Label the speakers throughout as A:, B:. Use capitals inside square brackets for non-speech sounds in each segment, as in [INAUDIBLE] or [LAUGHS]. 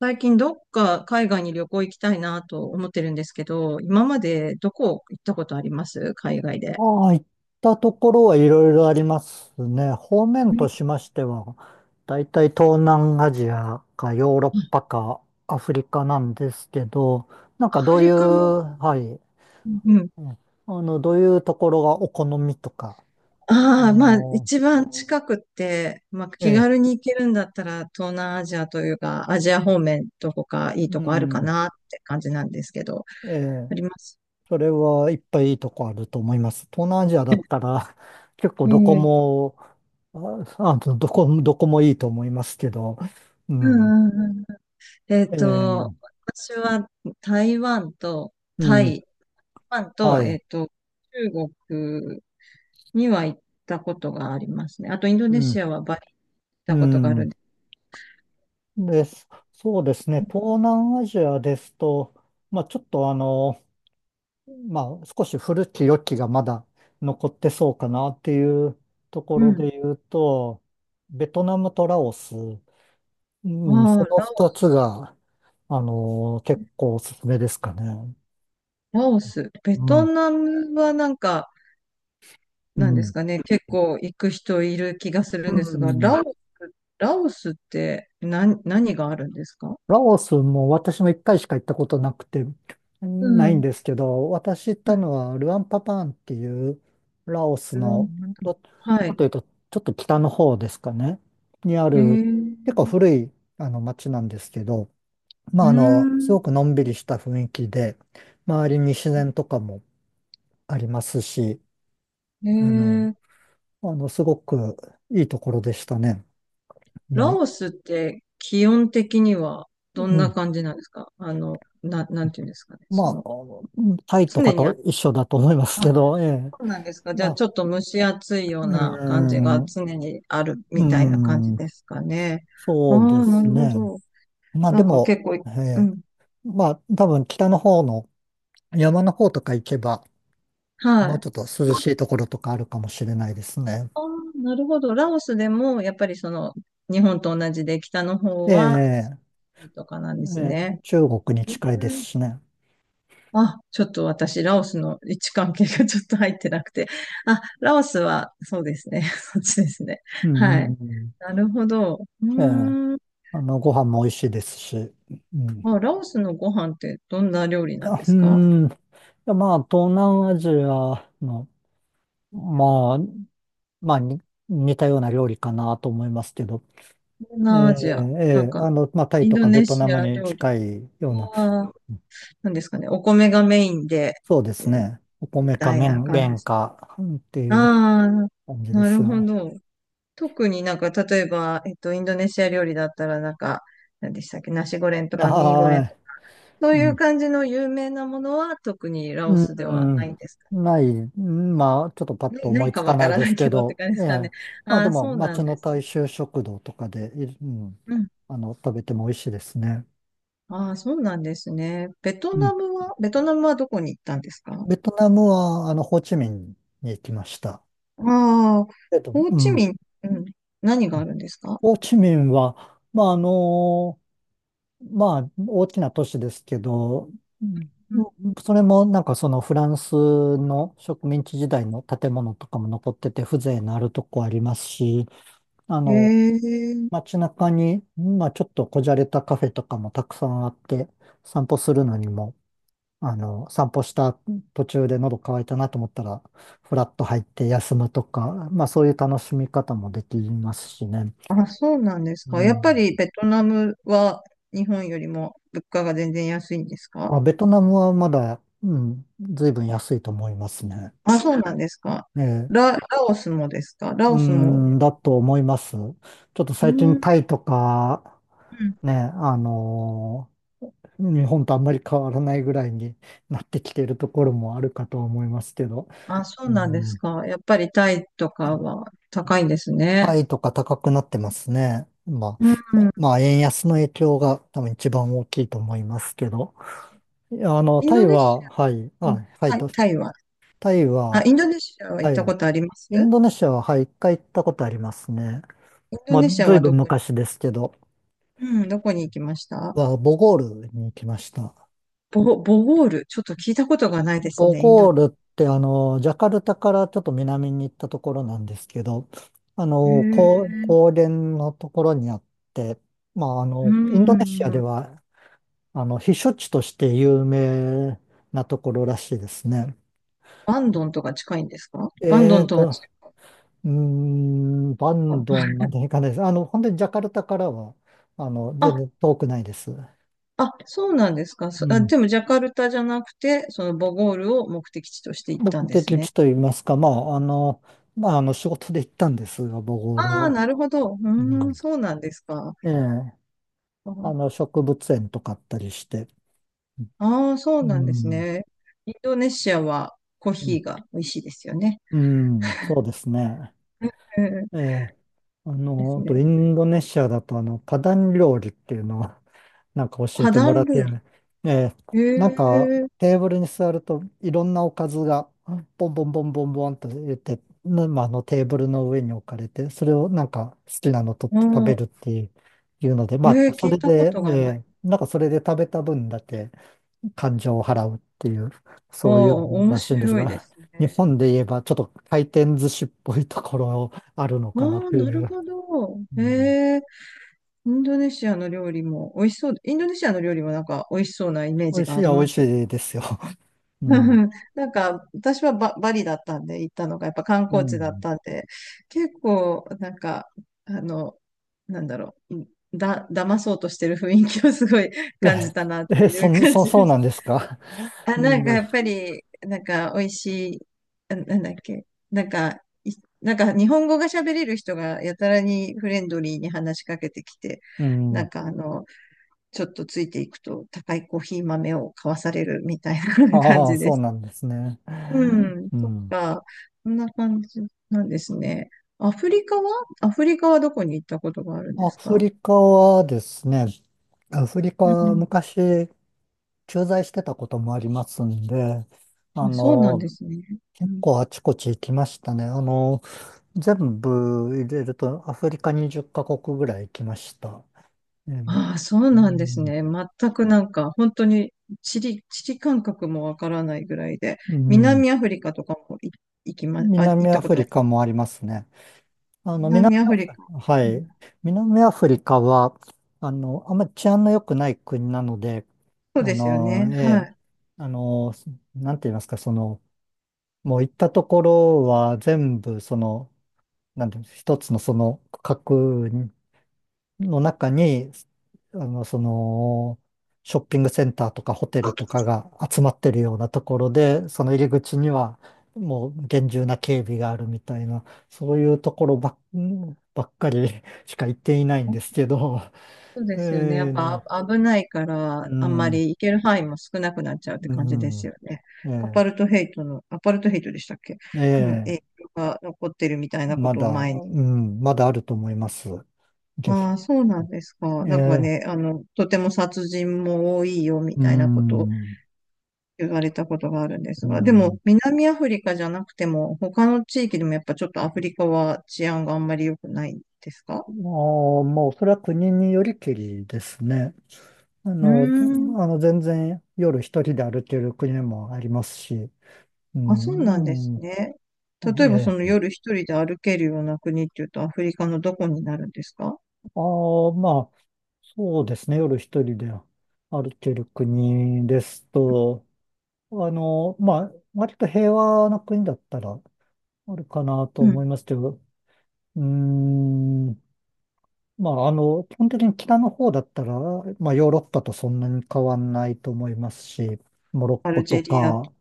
A: 最近どっか海外に旅行行きたいなと思ってるんですけど、今までどこ行ったことあります海外で。
B: ああ、行ったところはいろいろありますね。方面
A: うん、
B: としましては、だいたい東南アジアかヨーロッパかアフリカなんですけど、なん
A: ア
B: かど
A: フ
B: うい
A: リ
B: う、
A: カも、
B: はい、
A: うん。
B: うんどういうところがお好みとか、あ
A: ああ、まあ
B: の、
A: 一番近くって、まあ
B: え
A: 気
B: え、
A: 軽に行けるんだったら東南アジアというかアジア方面どこかいいと
B: う
A: こあるか
B: ん、
A: なって感じなんですけど、
B: え
A: あ
B: え、
A: ります。
B: それはいっぱいいいとこあると思います。東南アジアだったら結構どこ
A: ええ、
B: も、あ、あのどこ、どこもいいと思いますけど、う
A: う
B: ん、
A: んうんうん。えっ
B: え
A: と、
B: え、
A: 私は台湾と
B: う
A: タ
B: ん、
A: イ、台湾
B: は
A: と、
B: い、
A: 中国には行ったことがありますね。あと、インド
B: う
A: ネ
B: ん、
A: シアはバリ行っ
B: う
A: たことがあるん
B: ん。
A: で。
B: です。そうですね。東南アジアですと、まあちょっとまあ少し古き良きがまだ残ってそうかなっていうとこ
A: う
B: ろ
A: ん。
B: で言うと、ベトナムとラオス、うん、そ
A: ああ、
B: の二つが、結構おすすめですかね。
A: ラオス。ベ
B: う
A: ト
B: ん、
A: ナムはなんか、
B: う
A: なんです
B: ん、
A: かね、結構行く人いる気がする
B: う
A: んですが、
B: ん。
A: ラオス、ラオスって何があるんですか？
B: ラオスも私も一回しか行ったことなくて、
A: う
B: ないん
A: ん。
B: ですけど、私行ったのはルアンパパーンっていうラオス
A: ルア
B: の、
A: ンパタン。
B: ど、
A: は
B: なんと
A: い。
B: いうと、ちょっと北の方ですかね、にあ
A: へ
B: る
A: え。
B: 結構古い町なんですけど、ま
A: う
B: あ
A: ー
B: す
A: ん。
B: ごくのんびりした雰囲気で、周りに自然とかもありますし、
A: へ
B: あの、
A: え。
B: すごくいいところでしたね。も
A: ラ
B: う、
A: オスって気温的には
B: う
A: どんな
B: ん。
A: 感じなんですか？あの、なんていうんですかね。
B: まあ、
A: その、
B: うんタイと
A: 常
B: か
A: に
B: と
A: あ、
B: 一緒だと思いますけど、ええ。
A: そうなんですか。じゃ
B: ま
A: あ、
B: あ、
A: ちょっと蒸し暑いよ
B: う
A: う
B: ー
A: な感じ
B: ん、
A: が
B: う
A: 常にある
B: ー
A: みたいな感じ
B: ん、
A: ですかね。あ
B: そうで
A: あ、な
B: す
A: るほ
B: ね。
A: ど。
B: まあ
A: な
B: で
A: んか
B: も、
A: 結構、う
B: えー
A: ん。
B: まあ多分北の方の山の方とか行けば、
A: は
B: もう
A: い。
B: ちょっと涼
A: まあ、
B: しいところとかあるかもしれないですね。
A: あ、なるほど。ラオスでも、やっぱりその、日本と同じで北の方
B: え
A: は、
B: え、
A: とかなんですね。
B: 中国に
A: う
B: 近いです
A: ん。
B: しね。
A: あ、ちょっと私、ラオスの位置関係がちょっと入ってなくて。あ、ラオスは、そうですね。[LAUGHS] そっちですね。
B: う
A: は
B: ん、う
A: い。
B: ん、
A: なるほど。う
B: ええ、
A: ーん。
B: ご飯も美味しいですし。うん、い
A: あ、ラオスのご飯ってどんな料理な
B: や、
A: んですか？
B: いやまあ東南アジアの、まあ、まあに似たような料理かなと思いますけど、
A: 東
B: え
A: 南ア
B: え、
A: ジア。なん
B: ええ、
A: か、
B: まあ、タイ
A: イン
B: と
A: ド
B: かベ
A: ネ
B: トナ
A: シ
B: ム
A: ア
B: に
A: 料理
B: 近いような、
A: は、なんですかね、お米がメインで、
B: そうです
A: うん
B: ね。お
A: み
B: 米か
A: たいな
B: 麺、
A: 感じで
B: 麺
A: す。
B: かっていう
A: あ
B: 感じ
A: あ、
B: で
A: なる
B: す
A: ほ
B: が。
A: ど。特になんか、例えば、インドネシア料理だったら、なんか、何でしたっけ、ナシゴレンとかミーゴレン
B: は
A: とか、そ
B: い。
A: う
B: う
A: いう
B: ん。
A: 感じの有名なものは、特にラオ
B: う
A: スではな
B: ん。
A: いんですかね。
B: ない。うんまあ、ちょっとパッ
A: な
B: と
A: いな
B: 思い
A: い
B: つ
A: か
B: か
A: わ
B: な
A: か
B: い
A: ら
B: で
A: な
B: す
A: い
B: け
A: けどって
B: ど、
A: 感じで
B: え
A: すか
B: え。
A: ね。
B: まあ
A: あ
B: で
A: あ、
B: も、
A: そうな
B: 町
A: ん
B: の
A: です
B: 大
A: ね。
B: 衆食堂とかで、うん、食べても美味しいですね。
A: ああ、そうなんですね。ベト
B: う
A: ナ
B: ん。
A: ムは、ベトナムはどこに行ったんですか？
B: ベトナムは、ホーチミンに行きました。
A: ああ、ホー
B: う
A: チ
B: ん。
A: ミン、うん、何があるんですか？
B: ホーチミンは、まあ、まあ、大きな都市ですけど、うん、
A: うん。
B: それもなんかそのフランスの植民地時代の建物とかも残ってて風情のあるとこありますし、あ
A: へ
B: の、
A: え、
B: 街中に、まあちょっとこじゃれたカフェとかもたくさんあって、散歩するのにも、散歩した途中で喉乾いたなと思ったら、フラッと入って休むとか、まあそういう楽しみ方もできますしね。
A: あ、そうなんです
B: う
A: か。やっぱ
B: ん、
A: りベトナムは日本よりも物価が全然安いんですか？
B: あ、ベトナムはまだ、うん、随分安いと思いますね。
A: あ、そうなんですか。
B: ええ、
A: ラオスもですか、ラ
B: う
A: オスも。
B: ん、だと思います。ちょっと
A: う
B: 最
A: ん、
B: 近
A: う
B: タイとか、
A: ん。
B: ね、日本とあんまり変わらないぐらいになってきているところもあるかと思いますけど、
A: あ、そう
B: う
A: なんです
B: ん、
A: か。やっぱりタイとかは高いんです
B: タ
A: ね。
B: イとか高くなってますね。ま
A: う
B: あ、
A: ん、
B: まあ、円安の影響が多分一番大きいと思いますけど、いや
A: イン
B: タ
A: ド
B: イ
A: ネシ
B: は、はい、
A: ア、う
B: あ、
A: ん、
B: はい、
A: タイは、
B: タイ
A: あ、
B: は、
A: インドネシアは行
B: は
A: ったこ
B: い。
A: とあります？
B: インドネシアは、はい、一回行ったことありますね。
A: インド
B: まあ、
A: ネシア
B: ずい
A: は
B: ぶ
A: ど
B: ん
A: こに、
B: 昔ですけど、
A: うん、どこに行きました？
B: ボゴールに行きました。
A: ボゴール。ちょっと聞いたことがないです
B: ボ
A: ね、インド
B: ゴー
A: ネシ
B: ルって、ジャカルタからちょっと南に行ったところなんですけど、あ
A: ア。へ
B: の、高、
A: え。
B: 高原のところにあって、まあ、あ
A: う
B: の、インドネシアで
A: ん。
B: は、避暑地として有名なところらしいですね。
A: バンドンとか近いんですか？バンド
B: え
A: ン
B: ー
A: とは
B: と、
A: 違
B: バン
A: う。
B: ドンまで行かないです。本当にジャカルタからは、全
A: あ、
B: 然遠くないです。
A: あ、そうなんですか。
B: う
A: そ、あ、
B: ん。
A: でもジャカルタじゃなくて、そのボゴールを目的地として行ったん
B: 目
A: で
B: 的
A: すね。
B: 地と言いますか、まあ、まあ、仕事で行ったんですが、僕、俺
A: ああ、
B: は。
A: なるほど。う
B: う
A: ーん、
B: ん。
A: そうなんですか。
B: ええ、
A: あ
B: 植物園とかあったりして。
A: あー、そう
B: う
A: なんです
B: ん。
A: ね。インドネシアはコー
B: う
A: ヒ
B: ん、
A: ーが美味しいですよね。
B: うん、そうですね。
A: うん、
B: ええ、
A: です
B: あと
A: ね。
B: インドネシアだとパダン料理っていうのを [LAUGHS] なんか教え
A: 花
B: てもら
A: 壇
B: っ
A: 料
B: て、
A: 理。
B: ええ、
A: へ
B: なんか
A: え、
B: テーブルに座るといろんなおかずがボンボンボンボンボンと言って、まあ、あのテーブルの上に置かれて、それをなんか好きなの取っ
A: う
B: て食べる
A: ん。
B: っていう、ので、ま
A: へえ、
B: あ、そ
A: 聞い
B: れ
A: たこ
B: で、
A: と
B: え
A: がない。
B: え、なんかそれで食べた分だけ感情を払うっていう、[LAUGHS]
A: あ
B: そうい
A: あ、
B: うもの
A: 面
B: らしいんです
A: 白いで
B: が、
A: す
B: [LAUGHS] 日
A: ね。
B: 本で言えばちょっと回転寿司っぽいところあるの
A: あ
B: かな
A: あ、
B: とい
A: なる
B: う。
A: ほど。
B: うん、
A: へえ、インドネシアの料理も美味しそう。インドネシアの料理もなんか美味しそうなイメー
B: 美
A: ジ
B: 味
A: が
B: し
A: あ
B: い
A: り
B: は美
A: ま
B: 味し
A: すよ。
B: いですよ。うん。
A: [LAUGHS] なんか、私はバリだったんで行ったのが、やっぱ観
B: う
A: 光地だっ
B: ん。
A: たんで、結構、なんか、あの、なんだろう、騙そうとしてる雰囲気をすごい感じ
B: え、
A: たなっていう感じ。
B: そうなんですか。
A: あ、
B: う
A: な
B: ん、
A: んか
B: まあ
A: やっぱり、なんか美味しい、あなんだっけ、なんか、いなんか日本語が喋れる人がやたらにフレンドリーに話しかけてきて、
B: う
A: な
B: ん。
A: んかあの、ちょっとついていくと高いコーヒー豆を買わされるみたいな [LAUGHS] 感
B: ああ、
A: じで
B: そう
A: す。
B: なんですね。
A: うん、
B: う
A: そっ
B: ん。
A: か、そんな感じなんですね。アフリカは、アフリカはどこに行ったことがあるんで
B: ア
A: す
B: フ
A: か？
B: リカはですね、アフリカ
A: う
B: は
A: ん、
B: 昔駐在してたこともありますんで、あ
A: あ、そうなん
B: の、
A: ですね。う
B: 結
A: ん。
B: 構あちこち行きましたね。全部入れるとアフリカ20カ国ぐらい行きました。えー
A: ああ、そう
B: う
A: なんです
B: ん、
A: ね。全くなんか、本当に地理感覚もわからないぐらいで、
B: うん、
A: 南アフリカとかもい行きま、あ、行っ
B: 南ア
A: たこ
B: フ
A: とあ
B: リ
A: る。
B: カもありますね。あの、南、
A: 南アフリカ。
B: は
A: うん、
B: い。南アフリカは、あんまり治安の良くない国なので、
A: そう
B: あ
A: ですよ
B: の、
A: ね。
B: え
A: は
B: え、
A: い。
B: あの、なんて言いますか、その、もう行ったところは全部、その、なんて言うんです一つのその区の中に、その、ショッピングセンターとかホテルとかが集まってるようなところで、その入り口にはもう厳重な警備があるみたいな、そういうところばっ、ばっかり [LAUGHS] しか行っていないんですけど、
A: そうですよね。や
B: え
A: っ
B: えね、
A: ぱあ危ないから、
B: う
A: あんま
B: ん、
A: り行ける範囲も少なくなっちゃうって
B: う
A: 感じです
B: ん、
A: よね。
B: え
A: アパルトヘイトでしたっけ、の
B: ええ
A: 影
B: え
A: 響が残ってるみたいなこ
B: ま
A: とを
B: だ、
A: 前に。
B: うん、まだあると思います。げ
A: ああ、そうなんですか。なんか
B: え
A: ね、
B: え
A: あの、とても殺人も多いよみ
B: う
A: たいなことを
B: ん、
A: 言われたことがあるんで
B: う
A: すが、で
B: ん、
A: も南アフリカじゃなくても、他の地域でもやっぱちょっとアフリカは治安があんまり良くないですか？
B: あーもうそれは国によりきりですね。あ
A: うー
B: の、
A: ん。
B: 全然夜一人で歩ける国もありますし、う
A: あ、そうなんです
B: ん、う
A: ね。
B: ん、
A: 例えばそ
B: え
A: の
B: え、
A: 夜一人で歩けるような国っていうとアフリカのどこになるんですか？
B: ああ、まあ、そうですね、夜一人で歩ける国ですと、あの、まあ、割と平和な国だったらあるかなと
A: う
B: 思い
A: ん。
B: ますけど、うーん、まあ、基本的に北の方だったら、まあ、ヨーロッパとそんなに変わんないと思いますし、モロ
A: ア
B: ッコ
A: ルジ
B: と
A: ェリアと。
B: か、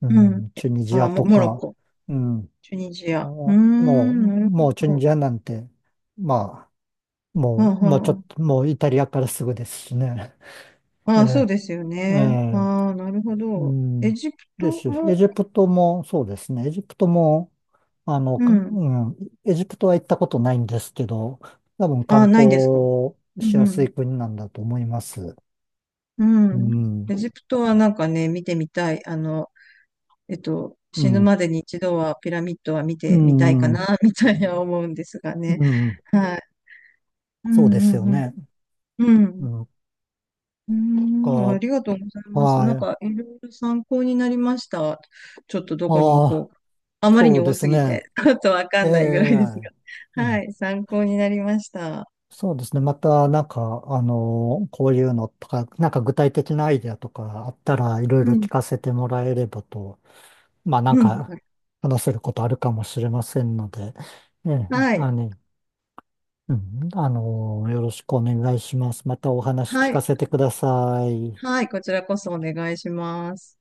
B: う
A: うん。
B: ん、
A: え、
B: チュニジ
A: あ、
B: アと
A: モロッ
B: か、
A: コ。
B: うん、
A: チュニジア。うー
B: もう、
A: ん、なる
B: チ
A: ほ
B: ュニ
A: ど。
B: ジアなんて、まあ、
A: あ、
B: もうちょっ
A: は
B: と、もうイタリアからすぐですしね。[LAUGHS]
A: あ、
B: え
A: あ、そう
B: え、
A: ですよ
B: え
A: ね。
B: え、
A: ああ、なるほ
B: う
A: ど。エ
B: ん。
A: ジプ
B: です
A: ト
B: し、エ
A: も、
B: ジプトもそうですね。エジプトも、
A: う
B: う
A: ん。
B: ん、エジプトは行ったことないんですけど、多分観
A: あ、ないですか。
B: 光
A: う
B: し
A: んう
B: やす
A: ん
B: い国なんだと思います。う
A: うん。
B: ん、
A: エジプトはなんかね、見てみたい。あの、
B: う
A: 死ぬ
B: ん、
A: までに一度はピラミッドは見
B: う
A: てみたいか
B: ん、
A: な、[LAUGHS] みたいな思うんですがね。
B: うん、
A: はい。う
B: そうで
A: ん
B: す
A: う
B: よ
A: ん
B: ね。
A: うん。う
B: う
A: ん。
B: ん、
A: う
B: か、
A: ん。ありがとうございます。
B: は
A: なん
B: い。
A: か、いろいろ参考になりました。ちょっとどこに行
B: ああ、
A: こうか。あまり
B: そ
A: に
B: う
A: 多
B: です
A: すぎ
B: ね。
A: て、ちょっとわか
B: ええ、
A: んないぐらいです
B: う
A: が。は
B: ん。
A: い。参考になりました。
B: そうですね。また、なんか、こういうのとか、なんか具体的なアイデアとかあったらいろい
A: う
B: ろ聞
A: ん。
B: かせてもらえればと、まあなん
A: うん。
B: か話せることあるかもしれませんので、ええ、
A: はい。
B: うん、よろしくお願いします。またお話
A: は
B: 聞か
A: い。
B: せてください。
A: はい。こちらこそお願いします。